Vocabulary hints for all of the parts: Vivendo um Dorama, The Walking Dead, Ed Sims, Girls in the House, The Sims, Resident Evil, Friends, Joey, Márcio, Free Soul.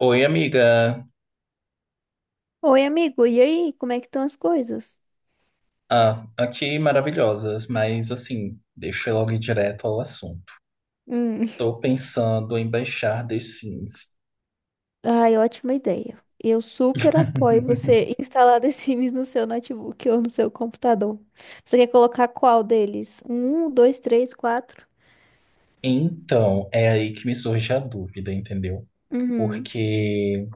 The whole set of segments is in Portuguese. Oi, amiga. Oi, amigo, e aí? Como é que estão as coisas? Ah, aqui maravilhosas, mas assim, deixa eu logo ir direto ao assunto. Hum. Tô pensando em baixar The Sims. Ai, ótima ideia. Eu super apoio você instalar The Sims no seu notebook ou no seu computador. Você quer colocar qual deles? Um, dois, três, quatro? Então, é aí que me surge a dúvida, entendeu? Uhum, Porque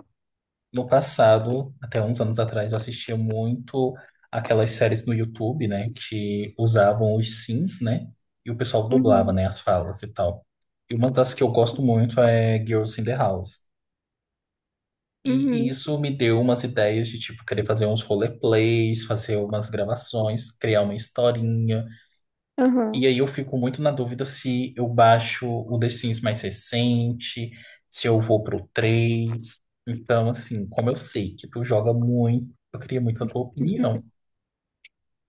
no passado, até uns anos atrás, eu assistia muito aquelas séries no YouTube, né, que usavam os Sims, né, e o pessoal dublava, uhum, né, as falas e tal. E uma das que eu gosto sim, muito é Girls in the House. E, uhum, isso me deu umas ideias de, tipo, querer fazer uns roleplays, fazer umas gravações, criar uma historinha. E aham. aí eu fico muito na dúvida se eu baixo o The Sims mais recente, se eu vou pro 3. Então, assim, como eu sei que tu joga muito, eu queria muito a tua opinião.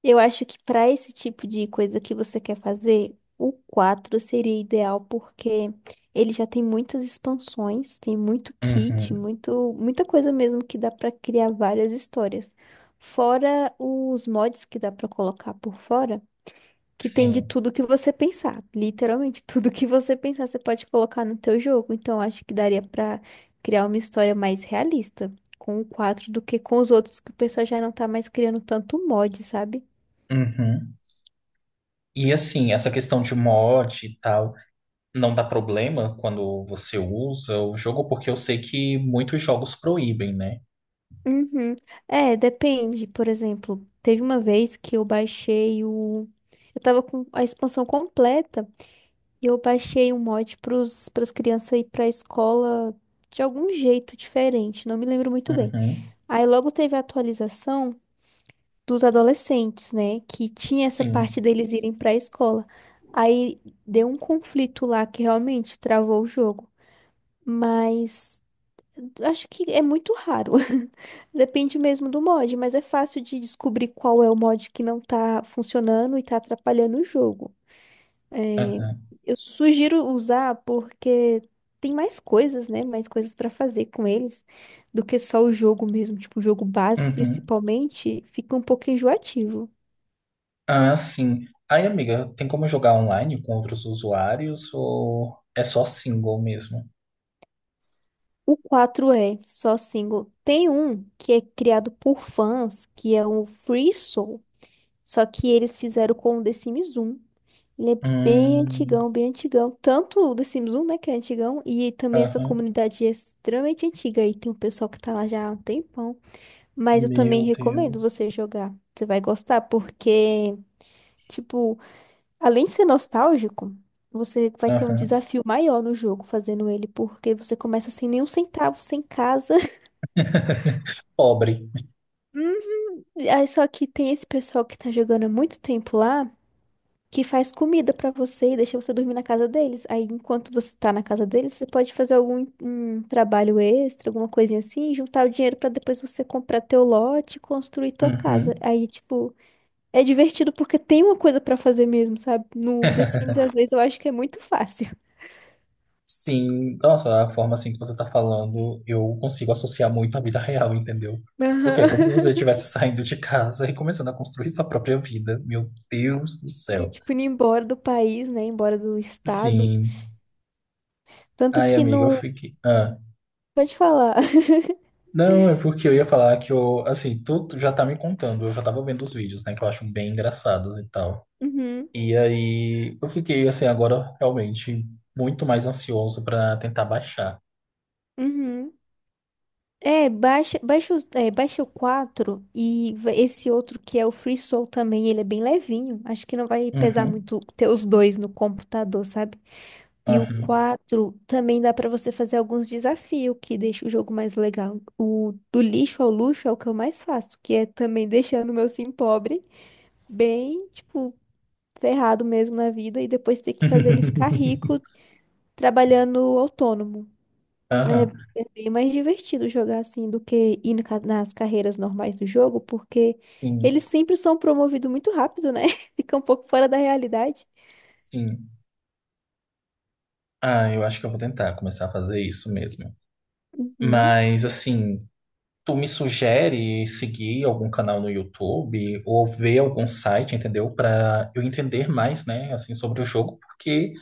Eu acho que para esse tipo de coisa que você quer fazer, o quatro seria ideal porque ele já tem muitas expansões, tem muito kit, Uhum, muito, muita coisa mesmo que dá para criar várias histórias. Fora os mods que dá para colocar por fora, que tem de sim. tudo que você pensar. Literalmente, tudo que você pensar você pode colocar no teu jogo. Então, acho que daria para criar uma história mais realista com o quatro do que com os outros que o pessoal já não tá mais criando tanto mod, sabe? Uhum. E assim, essa questão de mod e tal, não dá problema quando você usa o jogo, porque eu sei que muitos jogos proíbem, né? Uhum. É, depende. Por exemplo, teve uma vez que eu baixei o. Eu tava com a expansão completa e eu baixei um mod pros, pras crianças ir pra escola de algum jeito diferente, não me lembro muito bem. Uhum. Aí logo teve a atualização dos adolescentes, né? Que tinha essa parte Sim. deles irem pra escola. Aí deu um conflito lá que realmente travou o jogo. Mas. Acho que é muito raro. Depende mesmo do mod, mas é fácil de descobrir qual é o mod que não tá funcionando e tá atrapalhando o jogo. É, Aham. eu sugiro usar porque tem mais coisas, né? Mais coisas pra fazer com eles do que só o jogo mesmo. Tipo, o jogo base, Uhum. principalmente, fica um pouco enjoativo. Ah, sim. Aí, amiga, tem como jogar online com outros usuários ou é só single mesmo? O quatro é só single. Tem um que é criado por fãs, que é o Free Soul. Só que eles fizeram com o The Sims 1. Ele é bem Hum, antigão, bem antigão. Tanto o The Sims 1, né, que é antigão, e também essa aham. comunidade é extremamente antiga. E tem um pessoal que tá lá já há um tempão. Mas eu também Meu recomendo Deus. você jogar. Você vai gostar, porque, tipo, além de ser nostálgico, você vai ter um Aham. desafio maior no jogo fazendo ele, porque você começa sem nenhum centavo, sem casa. Pobre. Aí só que tem esse pessoal que tá jogando há muito tempo lá. Que faz comida pra você e deixa você dormir na casa deles. Aí, enquanto você tá na casa deles, você pode fazer algum um trabalho extra, alguma coisinha assim, e juntar o dinheiro pra depois você comprar teu lote e construir tua casa. Uhum. Aí, tipo, é divertido porque tem uma coisa pra fazer mesmo, sabe? No The Sims, às vezes, eu acho que é muito fácil. Sim, nossa, a forma assim que você tá falando, eu consigo associar muito à vida real, entendeu? Porque é Aham. como se você estivesse saindo de casa e começando a construir sua própria vida. Meu Deus do Sim, céu. tipo, indo embora do país, né? Embora do estado. Sim. Tanto Ai, que amiga, eu no. fiquei. Pode falar. Não, é porque eu ia falar que eu, assim, tu já tá me contando, eu já tava vendo os vídeos, né, que eu acho bem engraçados e tal. Uhum, E aí eu fiquei, assim, agora realmente muito mais ansioso pra tentar baixar. uhum. É, baixa, baixa, é, baixa o quatro e esse outro que é o Free Soul também, ele é bem levinho. Acho que não vai pesar Uhum, muito ter os dois no computador, sabe? E o uhum. quatro também dá pra você fazer alguns desafios que deixa o jogo mais legal. O do lixo ao luxo é o que eu mais faço, que é também deixando o meu sim pobre bem, tipo, ferrado mesmo na vida e depois ter que fazer ele ficar rico trabalhando autônomo. Aham, É, é bem mais divertido jogar assim do que ir no nas carreiras normais do jogo, porque sim, eles sempre são promovidos muito rápido, né? Fica um pouco fora da realidade. sim. Ah, eu acho que eu vou tentar começar a fazer isso mesmo. Uhum, Mas, assim, tu me sugere seguir algum canal no YouTube ou ver algum site, entendeu? Pra eu entender mais, né, assim, sobre o jogo, porque.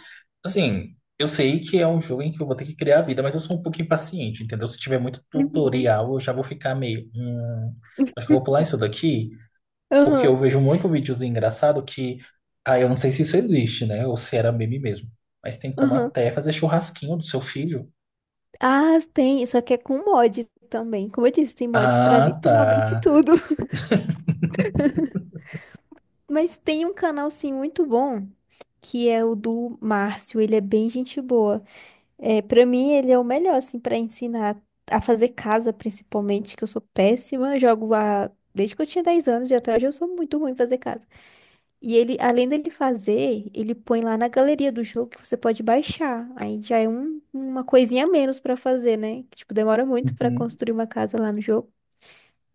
Assim, eu sei que é um jogo em que eu vou ter que criar a vida, mas eu sou um pouco impaciente, entendeu? Se tiver muito uhum. tutorial, eu já vou ficar meio. Acho que eu vou pular isso daqui, porque Aham, eu vejo muito videozinho engraçado que. Ah, eu não sei se isso existe, né? Ou se era meme mesmo. Mas tem como aham. até fazer churrasquinho do seu filho. Ah, tem, só que é com mod também. Como eu disse, tem mod pra Ah, literalmente tá. tudo. Mas tem um canal, sim, muito bom, que é o do Márcio. Ele é bem gente boa. É, para mim ele é o melhor assim para ensinar a fazer casa, principalmente, que eu sou péssima, jogo há desde que eu tinha 10 anos e até hoje eu sou muito ruim em fazer casa. E ele, além dele fazer, ele põe lá na galeria do jogo que você pode baixar. Aí já é uma coisinha a menos pra fazer, né? Que tipo demora muito pra Uhum. construir uma casa lá no jogo.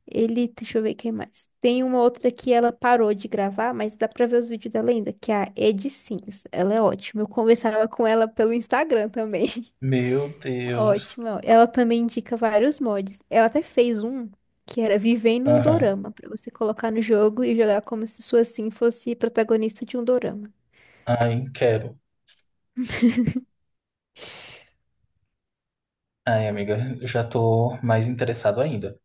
Ele, deixa eu ver quem mais. Tem uma outra que ela parou de gravar, mas dá pra ver os vídeos dela ainda, que é a Ed Sims. Ela é ótima. Eu conversava com ela pelo Instagram também. Meu Deus. Ótima. Ela também indica vários mods. Ela até fez um que era Vivendo um Aham. Dorama, pra você colocar no jogo e jogar como se sua Sim fosse protagonista de um dorama. Ai, quero. Ai, amiga, eu já tô mais interessado ainda.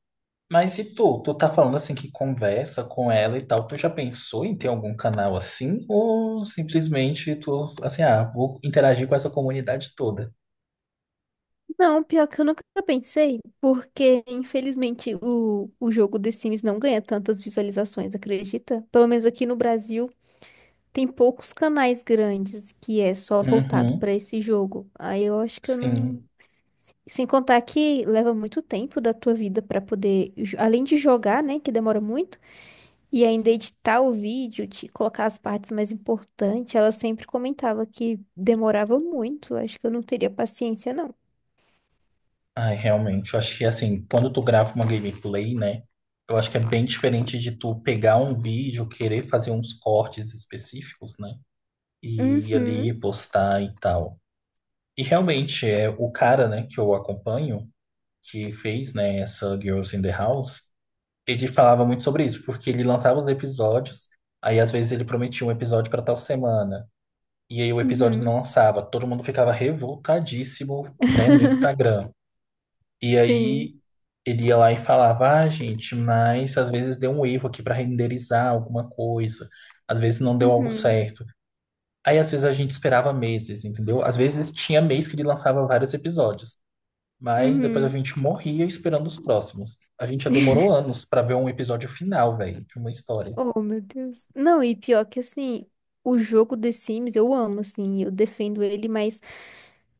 Mas e tu? Tu tá falando assim que conversa com ela e tal. Tu já pensou em ter algum canal assim? Ou simplesmente tu, assim, ah, vou interagir com essa comunidade toda? Não, pior que eu nunca pensei, porque infelizmente o jogo The Sims não ganha tantas visualizações, acredita? Pelo menos aqui no Brasil tem poucos canais grandes que é só voltado pra Uhum, esse jogo. Aí eu acho que eu não, sim. sem contar que leva muito tempo da tua vida pra poder, além de jogar, né, que demora muito. E ainda editar o vídeo, de colocar as partes mais importantes, ela sempre comentava que demorava muito. Acho que eu não teria paciência, não. Ai, realmente. Eu acho que assim, quando tu grava uma gameplay, né? Eu acho que é bem diferente de tu pegar um vídeo, querer fazer uns cortes específicos, né? E ir Uhum, ali postar e tal. E realmente, é o cara, né, que eu acompanho, que fez, né, essa Girls in the House. Ele falava muito sobre isso, porque ele lançava os episódios, aí às vezes ele prometia um episódio para tal semana, e aí o episódio uhum, não lançava. Todo mundo ficava revoltadíssimo, né, no Instagram. E Sim. aí ele ia lá e falava: ah, gente, mas às vezes deu um erro aqui para renderizar alguma coisa, às vezes não deu algo Uhum, certo. Aí às vezes a gente esperava meses, entendeu? Às vezes tinha mês que ele lançava vários episódios. Mas depois a uhum. gente morria esperando os próximos. A gente já demorou anos pra ver um episódio final, velho, de uma história. Oh, meu Deus. Não, e pior que assim, o jogo The Sims eu amo, assim, eu defendo ele, mas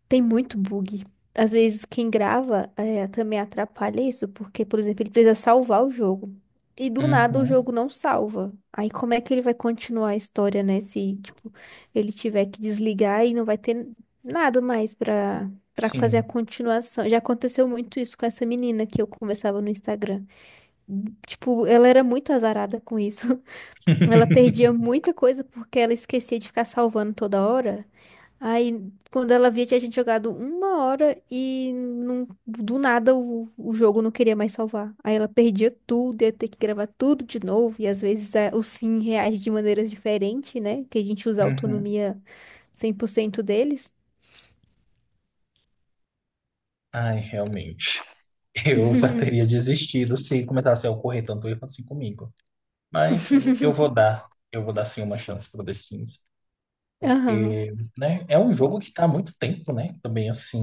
tem muito bug. Às vezes quem grava é, também atrapalha isso, porque, por exemplo, ele precisa salvar o jogo. E do nada o Uhum, jogo não salva. Aí como é que ele vai continuar a história, né? Se, tipo, ele tiver que desligar e não vai ter nada mais pra, pra fazer a sim. continuação. Já aconteceu muito isso com essa menina que eu conversava no Instagram. Tipo, ela era muito azarada com isso. Ela perdia muita coisa porque ela esquecia de ficar salvando toda hora. Aí, quando ela via, tinha gente jogado uma hora e não, do nada o jogo não queria mais salvar. Aí ela perdia tudo, ia ter que gravar tudo de novo. E às vezes o Sim reage de maneiras diferentes, né? Que a gente usa a Uhum. autonomia 100% deles. Ai, realmente. Eu já teria desistido se começasse a ocorrer tanto erro assim comigo. Mas eu vou dar sim uma chance pro The Sims. Aham, Porque, né, é um jogo que tá há muito tempo, né? Também assim,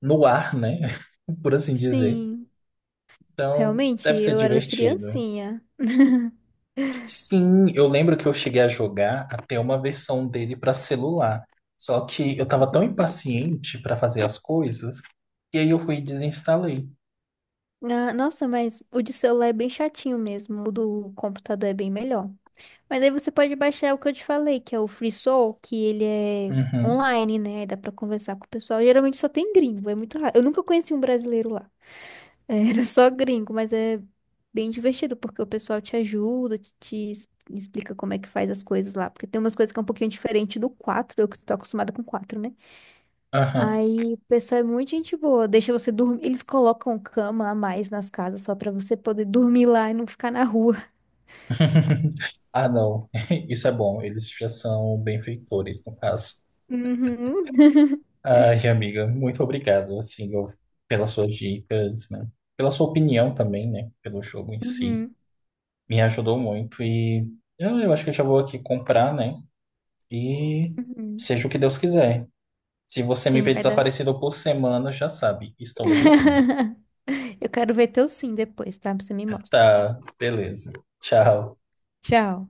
no ar, né? Por assim dizer. sim. Então, Realmente, deve ser eu era divertido. criancinha. Sim, eu lembro que eu cheguei a jogar até uma versão dele para celular. Só que eu tava tão impaciente para fazer as coisas, e aí eu fui e desinstalei. Ah, nossa, mas o de celular é bem chatinho mesmo. O do computador é bem melhor. Mas aí você pode baixar o que eu te falei, que é o FreeSol, que ele é Uhum, online, né? Aí dá pra conversar com o pessoal. Geralmente só tem gringo, é muito raro. Eu nunca conheci um brasileiro lá. Era só gringo, mas é bem divertido, porque o pessoal te ajuda, te explica como é que faz as coisas lá. Porque tem umas coisas que é um pouquinho diferente do 4 eu que tô acostumada com quatro, né? aham. Aí o pessoal é muito gente boa, deixa você dormir. Eles colocam cama a mais nas casas só pra você poder dormir lá e não ficar na rua. Ah, não. Isso é bom. Eles já são benfeitores, no caso. Uhum. Ai, amiga, muito obrigado, assim, eu- pelas suas dicas, né? Pela sua opinião também, né? Pelo jogo em si. Uhum. Me ajudou muito e eu acho que eu já vou aqui comprar, né? E Uhum. seja o que Deus quiser. Se você me Sim, vê vai dar certo. desaparecido por semana, já sabe, estou no The Sims. Eu quero ver teu sim depois, tá? Você me mostra. Tá, beleza. Tchau. Tchau.